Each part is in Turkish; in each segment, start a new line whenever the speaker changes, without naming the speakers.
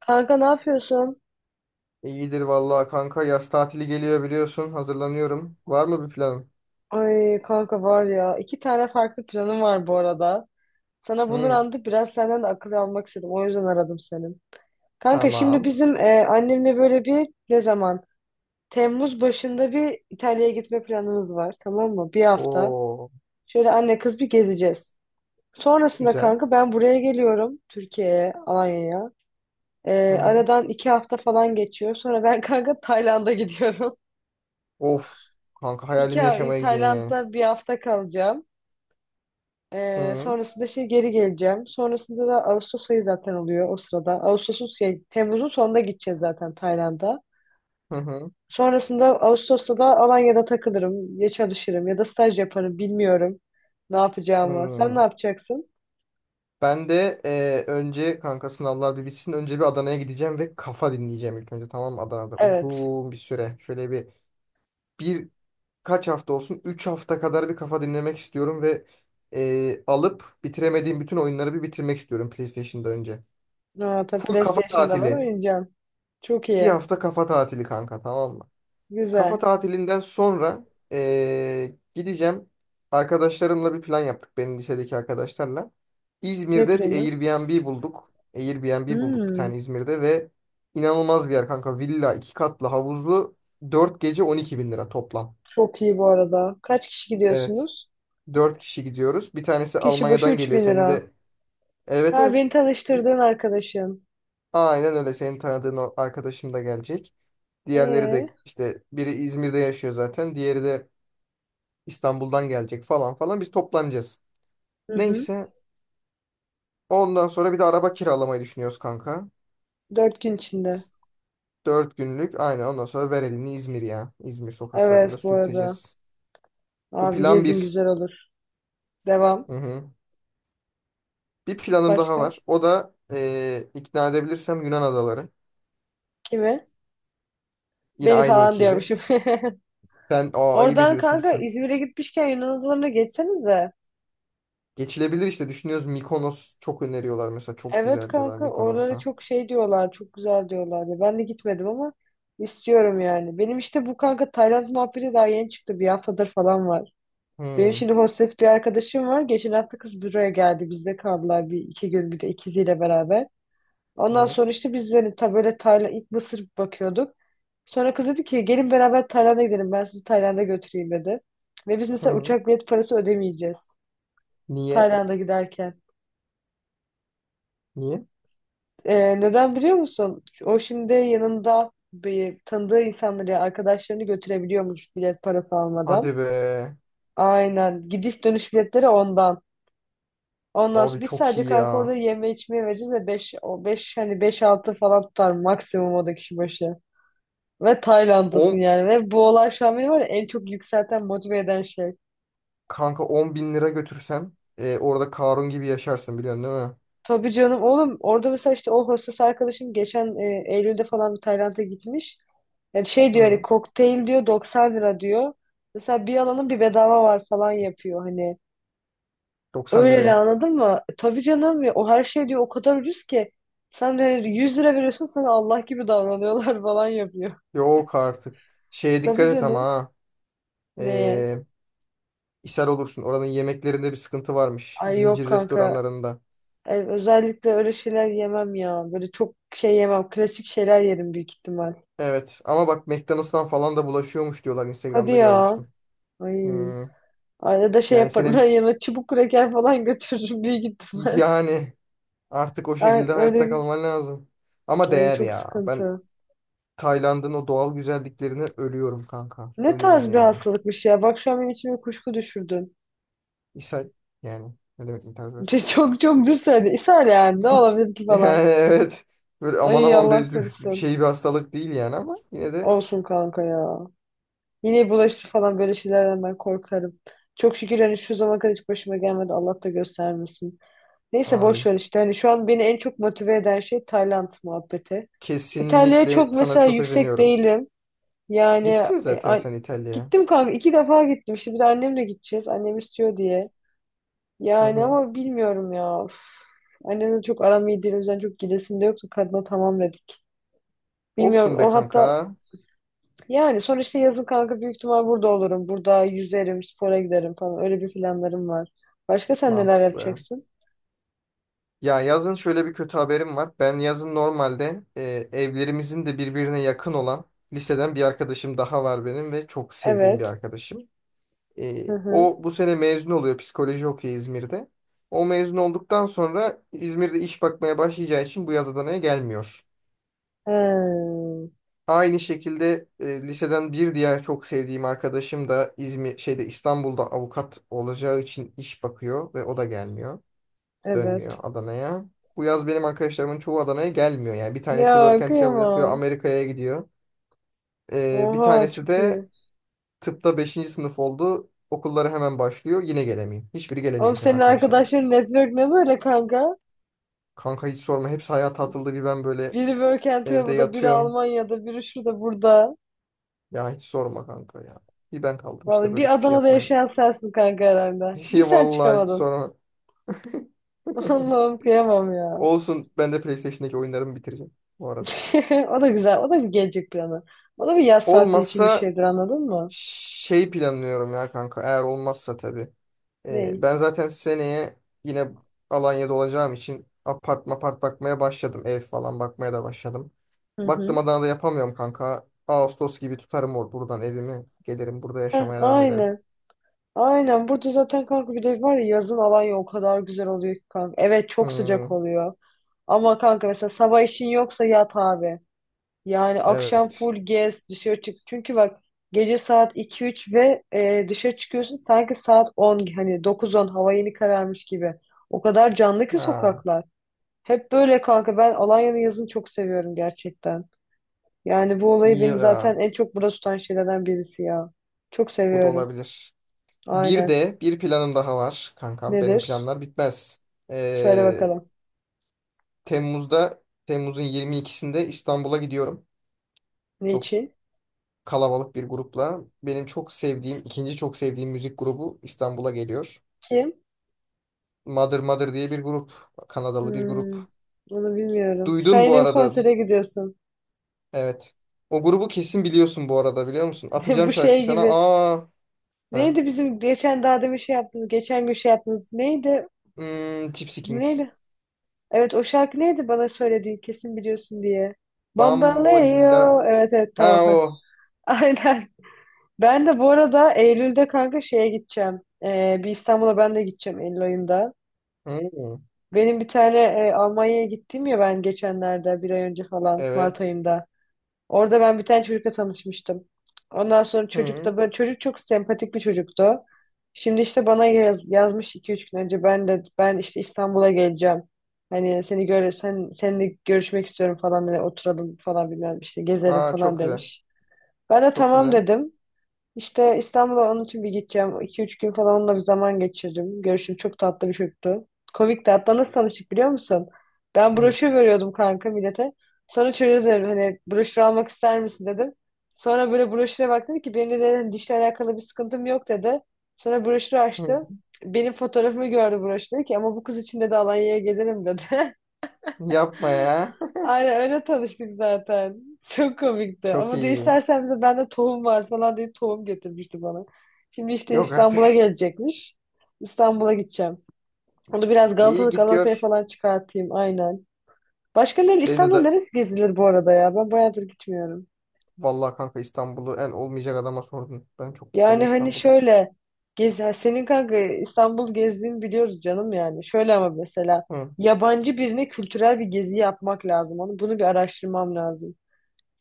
Kanka ne yapıyorsun?
İyidir vallahi kanka yaz tatili geliyor biliyorsun hazırlanıyorum. Var mı bir planın?
Ay kanka var ya iki tane farklı planım var bu arada. Sana bunu
Hı,
anlatıp biraz senden de akıl almak istedim. O yüzden aradım seni. Kanka şimdi
tamam.
bizim annemle böyle bir ne zaman? Temmuz başında bir İtalya'ya gitme planımız var tamam mı? Bir hafta.
Oo,
Şöyle anne kız bir gezeceğiz. Sonrasında
güzel.
kanka ben buraya geliyorum. Türkiye'ye, Alanya'ya.
Hı
E,
hı.
aradan 2 hafta falan geçiyor. Sonra ben kanka Tayland'a gidiyorum.
Of kanka hayalimi
İki,
yaşamaya gidiyorsun yani.
Tayland'da bir hafta kalacağım. Ee,
Hı
sonrasında şey geri geleceğim. Sonrasında da Ağustos ayı zaten oluyor o sırada. Temmuz'un sonunda gideceğiz zaten Tayland'a.
hı hı.
Sonrasında Ağustos'ta da Alanya'da takılırım, ya çalışırım ya da staj yaparım bilmiyorum ne yapacağımı. Sen ne
Hı.
yapacaksın?
Ben de önce kanka sınavlar bir bitsin önce bir Adana'ya gideceğim ve kafa dinleyeceğim ilk önce, tamam mı? Adana'da
Evet.
uzun bir süre şöyle bir kaç hafta olsun, 3 hafta kadar bir kafa dinlemek istiyorum ve alıp bitiremediğim bütün oyunları bir bitirmek istiyorum PlayStation'da önce.
Ha, tabii
Full kafa
PlayStation'da var
tatili.
oynayacağım. Çok
Bir
iyi.
hafta kafa tatili kanka, tamam mı? Kafa
Güzel.
tatilinden sonra gideceğim. Arkadaşlarımla bir plan yaptık. Benim lisedeki arkadaşlarla.
Ne
İzmir'de bir
planı?
Airbnb bulduk bir
Hmm,
tane İzmir'de ve inanılmaz bir yer kanka. Villa, iki katlı, havuzlu. 4 gece 12 bin lira toplam.
çok iyi bu arada. Kaç kişi
Evet.
gidiyorsunuz?
Dört kişi gidiyoruz. Bir tanesi
Kişi başı
Almanya'dan
üç
geliyor.
bin
Senin
lira.
de... Evet,
Ha,
evet.
beni
Bir...
tanıştırdığın arkadaşın.
Aynen öyle. Senin tanıdığın o arkadaşım da gelecek. Diğerleri
Ee?
de işte biri İzmir'de yaşıyor zaten. Diğeri de İstanbul'dan gelecek falan falan. Biz toplanacağız.
Hı hı.
Neyse. Ondan sonra bir de araba kiralamayı düşünüyoruz kanka.
4 gün içinde.
4 günlük. Aynen, ondan sonra ver elini İzmir ya. İzmir sokaklarında
Evet bu arada.
sürteceğiz. Bu
Abi
plan
gezin
bir.
güzel olur. Devam.
Hı hı. Bir planım daha
Başka?
var. O da ikna edebilirsem Yunan adaları.
Kimi?
Yine
Beni
aynı
falan
ekibi.
diyormuşum.
Sen ayıp
Oradan
ediyorsun,
kanka
lütfen.
İzmir'e gitmişken Yunan adalarına geçsenize.
Geçilebilir işte, düşünüyoruz. Mikonos çok öneriyorlar mesela. Çok
Evet
güzel diyorlar
kanka oralara
Mikonos'a.
çok şey diyorlar. Çok güzel diyorlar. Ya ben de gitmedim ama istiyorum yani. Benim işte bu kanka Tayland muhabbeti daha yeni çıktı. Bir haftadır falan var. Benim
Hı,
şimdi hostes bir arkadaşım var. Geçen hafta kız buraya geldi. Bizde kaldılar bir iki gün bir de ikiziyle beraber. Ondan sonra
evet.
işte biz hani ta böyle Tayland, ilk Mısır bakıyorduk. Sonra kız dedi ki gelin beraber Tayland'a gidelim ben sizi Tayland'a götüreyim dedi. Ve biz mesela
Hı.
uçak bilet parası ödemeyeceğiz
Niye?
Tayland'a giderken.
Niye?
Neden biliyor musun? O şimdi yanında bir tanıdığı insanları, yani arkadaşlarını götürebiliyormuş bilet parası almadan.
Hadi be.
Aynen. Gidiş dönüş biletleri ondan. Ondan
Abi
sonra biz
çok
sadece
iyi
kanka orada
ya.
yeme içmeye vereceğiz ve 5 o 5 hani 5 6 falan tutar maksimum o da kişi başı. Ve Tayland'dasın
10,
yani. Ve bu olay şu an beni var ya en çok yükselten, motive eden şey.
kanka, 10 bin lira götürsen orada Karun gibi yaşarsın biliyorsun değil mi?
Tabii canım oğlum orada mesela işte o hostes arkadaşım geçen Eylül'de falan bir Tayland'a gitmiş. Yani şey diyor hani
Hı.
kokteyl diyor 90 lira diyor. Mesela bir alanın bir bedava var falan yapıyor hani.
90
Öyle de
liraya.
anladın mı? Tabii canım ya o her şey diyor o kadar ucuz ki. Sen de hani 100 lira veriyorsun sana Allah gibi davranıyorlar falan yapıyor.
Yok artık. Şeye
Tabii
dikkat et ama
canım.
ha.
Neye?
E, ishal olursun. Oranın yemeklerinde bir sıkıntı varmış.
Ay yok
Zincir
kanka
restoranlarında.
özellikle öyle şeyler yemem ya. Böyle çok şey yemem. Klasik şeyler yerim büyük ihtimal.
Evet ama bak McDonald's'tan falan da bulaşıyormuş diyorlar,
Hadi
Instagram'da
ya.
görmüştüm.
Ay.
Hı.
Arada şey
Yani
yaparım. Ben
senin,
yanına çubuk kraker falan götürürüm büyük ihtimal.
yani artık o
Ay,
şekilde hayatta
öyle.
kalman lazım. Ama
Ay,
değer
çok
ya. Ben
sıkıntı.
Tayland'ın o doğal güzelliklerine ölüyorum kanka.
Ne
Ölürüm
tarz bir
yani.
hastalıkmış ya. Bak şu an benim içime kuşku düşürdün.
İshal yani. Ne demek intihar eder?
Çok çok düz söyledin. İshal yani. Ne olabilir ki falan.
Yani evet. Böyle aman
Ay
aman
Allah
bir
korusun.
şey, bir hastalık değil yani ama yine de,
Olsun kanka ya. Yine bulaştı falan böyle şeylerden ben korkarım. Çok şükür hani şu zamana kadar hiç başıma gelmedi. Allah da göstermesin. Neyse boş
amin.
ver işte. Hani şu an beni en çok motive eden şey Tayland muhabbeti. İtalya'ya
Kesinlikle
çok
sana
mesela
çok
yüksek
özeniyorum.
değilim. Yani
Gittin
e,
zaten
a-
sen İtalya'ya.
gittim kanka iki defa gittim. İşte bir de annemle gideceğiz. Annem istiyor diye.
Hı
Yani
hı.
ama bilmiyorum ya. Uf. Annemle çok aram iyi değil. O yüzden çok gidesim de yoktu. Kadına tamam dedik. Bilmiyorum.
Olsun be
O hatta
kanka.
yani sonuçta yazın kanka büyük ihtimal burada olurum. Burada yüzerim, spora giderim falan. Öyle bir planlarım var. Başka sen neler
Mantıklı.
yapacaksın?
Ya yazın şöyle bir kötü haberim var. Ben yazın normalde evlerimizin de birbirine yakın olan liseden bir arkadaşım daha var benim ve çok sevdiğim bir
Evet.
arkadaşım. E,
Hı hı.
O bu sene mezun oluyor, psikoloji okuyor İzmir'de. O mezun olduktan sonra İzmir'de iş bakmaya başlayacağı için bu yaz Adana'ya gelmiyor.
Hmm,
Aynı şekilde liseden bir diğer çok sevdiğim arkadaşım da İzmir şeyde İstanbul'da avukat olacağı için iş bakıyor ve o da gelmiyor. Dönmüyor
evet.
Adana'ya. Bu yaz benim arkadaşlarımın çoğu Adana'ya gelmiyor. Yani bir tanesi work
Ya
and travel yapıyor,
kıyamam.
Amerika'ya gidiyor. Bir
Oha
tanesi
çok
de
iyi.
tıpta beşinci sınıf oldu. Okulları hemen başlıyor. Yine gelemiyor. Hiçbiri
Oğlum
gelemiyor şu an
senin
arkadaşlarım.
arkadaşların network ne böyle kanka?
Kanka hiç sorma. Hepsi hayata atıldı. Bir ben böyle
Biri Work and
evde
Travel'da, biri
yatıyorum.
Almanya'da, biri şurada burada.
Ya hiç sorma kanka ya. Bir ben kaldım işte
Vallahi
böyle,
bir
hiçbir şey
Adana'da
yapmayayım.
yaşayan sensin kanka herhalde. Bir sen
Vallahi hiç
çıkamadın.
sorma.
Allah'ım kıyamam ya.
Olsun, ben de PlayStation'daki oyunlarımı bitireceğim bu arada.
O da güzel. O da bir gelecek planı. O da bir yaz saati için bir
Olmazsa
şeydir anladın mı?
şey planlıyorum ya kanka. Eğer olmazsa tabii.
Ney?
Ben zaten seneye yine Alanya'da olacağım için apart mapart bakmaya başladım. Ev falan bakmaya da başladım.
Hı
Baktım
hı.
Adana'da yapamıyorum kanka. Ağustos gibi tutarım or buradan evimi. Gelirim burada
Heh,
yaşamaya devam ederim.
aynen. Aynen burada zaten kanka bir de var ya yazın Alanya o kadar güzel oluyor ki kanka. Evet çok sıcak
Hmm.
oluyor. Ama kanka mesela sabah işin yoksa yat abi. Yani akşam
Evet.
full gez dışarı çık. Çünkü bak gece saat iki üç ve dışarı çıkıyorsun sanki saat 10 hani dokuz on hava yeni kararmış gibi. O kadar canlı ki
Ha,
sokaklar. Hep böyle kanka ben Alanya'nın yazını çok seviyorum gerçekten. Yani bu olayı
iyi
beni zaten
ya.
en çok burada tutan şeylerden birisi ya. Çok
Bu da
seviyorum.
olabilir. Bir
Aynen.
de bir planım daha var kankam. Benim
Nedir?
planlar bitmez.
Söyle
Ee,
bakalım.
Temmuz'un 22'sinde İstanbul'a gidiyorum.
Ne
Çok
için?
kalabalık bir grupla. Benim çok sevdiğim, ikinci çok sevdiğim müzik grubu İstanbul'a geliyor.
Kim?
Mother Mother diye bir grup. Kanadalı bir
Hmm,
grup.
onu bilmiyorum. Sen
Duydun bu
yine bir
arada.
konsere gidiyorsun.
Evet. O grubu kesin biliyorsun bu arada, biliyor musun? Atacağım
Bu
şarkıyı
şey
sana.
gibi.
Aa. Heh.
Neydi bizim geçen daha demin şey yaptığımız, geçen gün şey yaptığımız neydi?
Hmm, Gypsy Kings.
Neydi? Evet o şarkı neydi bana söylediğin kesin biliyorsun diye. Bambaleo.
Bambolla.
Evet evet
Ha
tamam.
o.
Aynen. Ben de bu arada Eylül'de kanka şeye gideceğim. Bir İstanbul'a ben de gideceğim Eylül ayında.
Hı.
Benim bir tane Almanya'ya gittim ya ben geçenlerde bir ay önce falan Mart
Evet.
ayında. Orada ben bir tane çocukla tanışmıştım. Ondan sonra çocuk
Hı.
da böyle çocuk çok sempatik bir çocuktu. Şimdi işte bana yazmış iki üç gün önce ben işte İstanbul'a geleceğim. Hani seninle görüşmek istiyorum falan hani oturalım falan bilmem işte gezelim
Aa,
falan
çok güzel.
demiş. Ben de
Çok
tamam
güzel.
dedim. İşte İstanbul'a onun için bir gideceğim. İki üç gün falan onunla bir zaman geçirdim. Görüşüm çok tatlı bir çocuktu. Komik de hatta nasıl tanıştık biliyor musun? Ben
Hı.
broşür veriyordum kanka millete. Sonra çocuğa dedim hani broşür almak ister misin dedim. Sonra böyle broşüre baktı dedi ki benim de dedim, dişle alakalı bir sıkıntım yok dedi. Sonra broşürü
Hı.
açtı. Benim fotoğrafımı gördü broşür dedi ki ama bu kız için de Alanya'ya gelirim dedi.
Yapma ya.
Aynen öyle tanıştık zaten. Çok komikti.
Çok
Ama diyor
iyi.
istersen bize bende tohum var falan diye tohum getirmişti bana. Şimdi işte
Yok
İstanbul'a
artık.
gelecekmiş. İstanbul'a gideceğim. Onu biraz
İyi
Galata,
git
Galata'ya
gör.
falan çıkartayım aynen. Başka ne?
Beni de,
İstanbul'da
da
neresi gezilir bu arada ya? Ben bayağıdır gitmiyorum.
Vallahi kanka İstanbul'u en olmayacak adama sordun. Ben çok gitmedim
Yani hani
İstanbul'a.
şöyle senin kanka İstanbul gezdiğini biliyoruz canım yani. Şöyle ama mesela
Hı.
yabancı birine kültürel bir gezi yapmak lazım. Onu, bunu bir araştırmam lazım.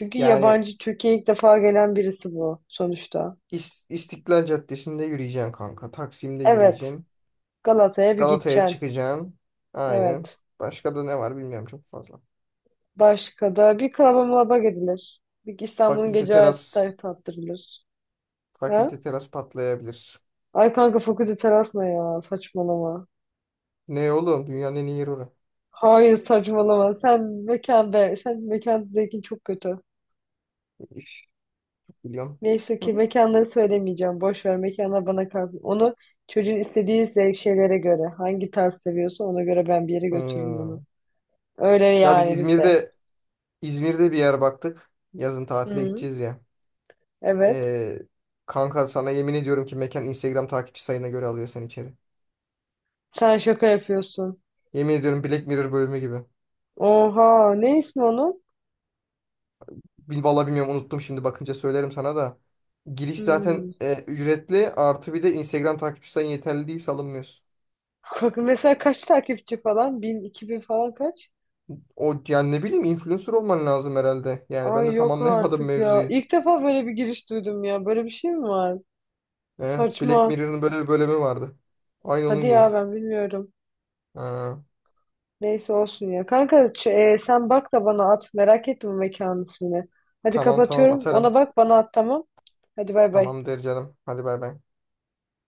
Çünkü
Yani
yabancı Türkiye'ye ilk defa gelen birisi bu sonuçta.
İstiklal Caddesi'nde yürüyeceksin kanka. Taksim'de
Evet.
yürüyeceksin.
Galata'ya bir
Galata'ya
gideceksin.
çıkacaksın. Aynen.
Evet.
Başka da ne var bilmiyorum çok fazla.
Başka da bir klaba mlaba gidilir. Bir İstanbul'un
Fakülte
gece hayatı
teras.
tattırılır. Ha?
Fakülte teras patlayabilir.
Ay kanka fakülte terasma ya saçmalama.
Ne oğlum? Dünyanın en iyi yeri orası.
Hayır saçmalama. Sen mekan be. Sen mekan zevkin çok kötü.
Biliyorum.
Neyse
Hı
ki
hı.
mekanları söylemeyeceğim. Boş ver mekanlar bana kalsın. Onu çocuğun istediği zevk şeylere göre. Hangi tarz seviyorsa ona göre ben bir yere götürürüm onu.
Hı.
Öyle
Ya biz
yani bizde.
İzmir'de bir yer baktık. Yazın tatile
Hı.
gideceğiz ya.
Evet.
Ee, Kanka sana yemin ediyorum ki mekan Instagram takipçi sayına göre alıyor seni içeri.
Sen şaka yapıyorsun.
Yemin ediyorum, Black Mirror bölümü gibi.
Oha. Ne ismi onun?
Vallahi bilmiyorum, unuttum, şimdi bakınca söylerim sana da. Giriş
Hmm.
zaten ücretli, artı bir de Instagram takipçi sayın yeterli değilse alınmıyorsun.
Mesela kaç takipçi falan? 1.000, 2.000 falan kaç?
O yani, ne bileyim, influencer olman lazım herhalde. Yani ben
Ay
de tam
yok
anlayamadım
artık ya.
mevzuyu.
İlk defa böyle bir giriş duydum ya. Böyle bir şey mi var?
Evet, Black
Saçma.
Mirror'ın böyle bir bölümü vardı. Aynı
Hadi
onun gibi.
ya ben bilmiyorum.
Ha.
Neyse olsun ya. Kanka sen bak da bana at. Merak ettim bu mekanın ismini. Hadi
Tamam, tamam,
kapatıyorum. Ona
atarım.
bak bana at tamam. Hadi bay bay.
Tamamdır canım. Hadi bay bay.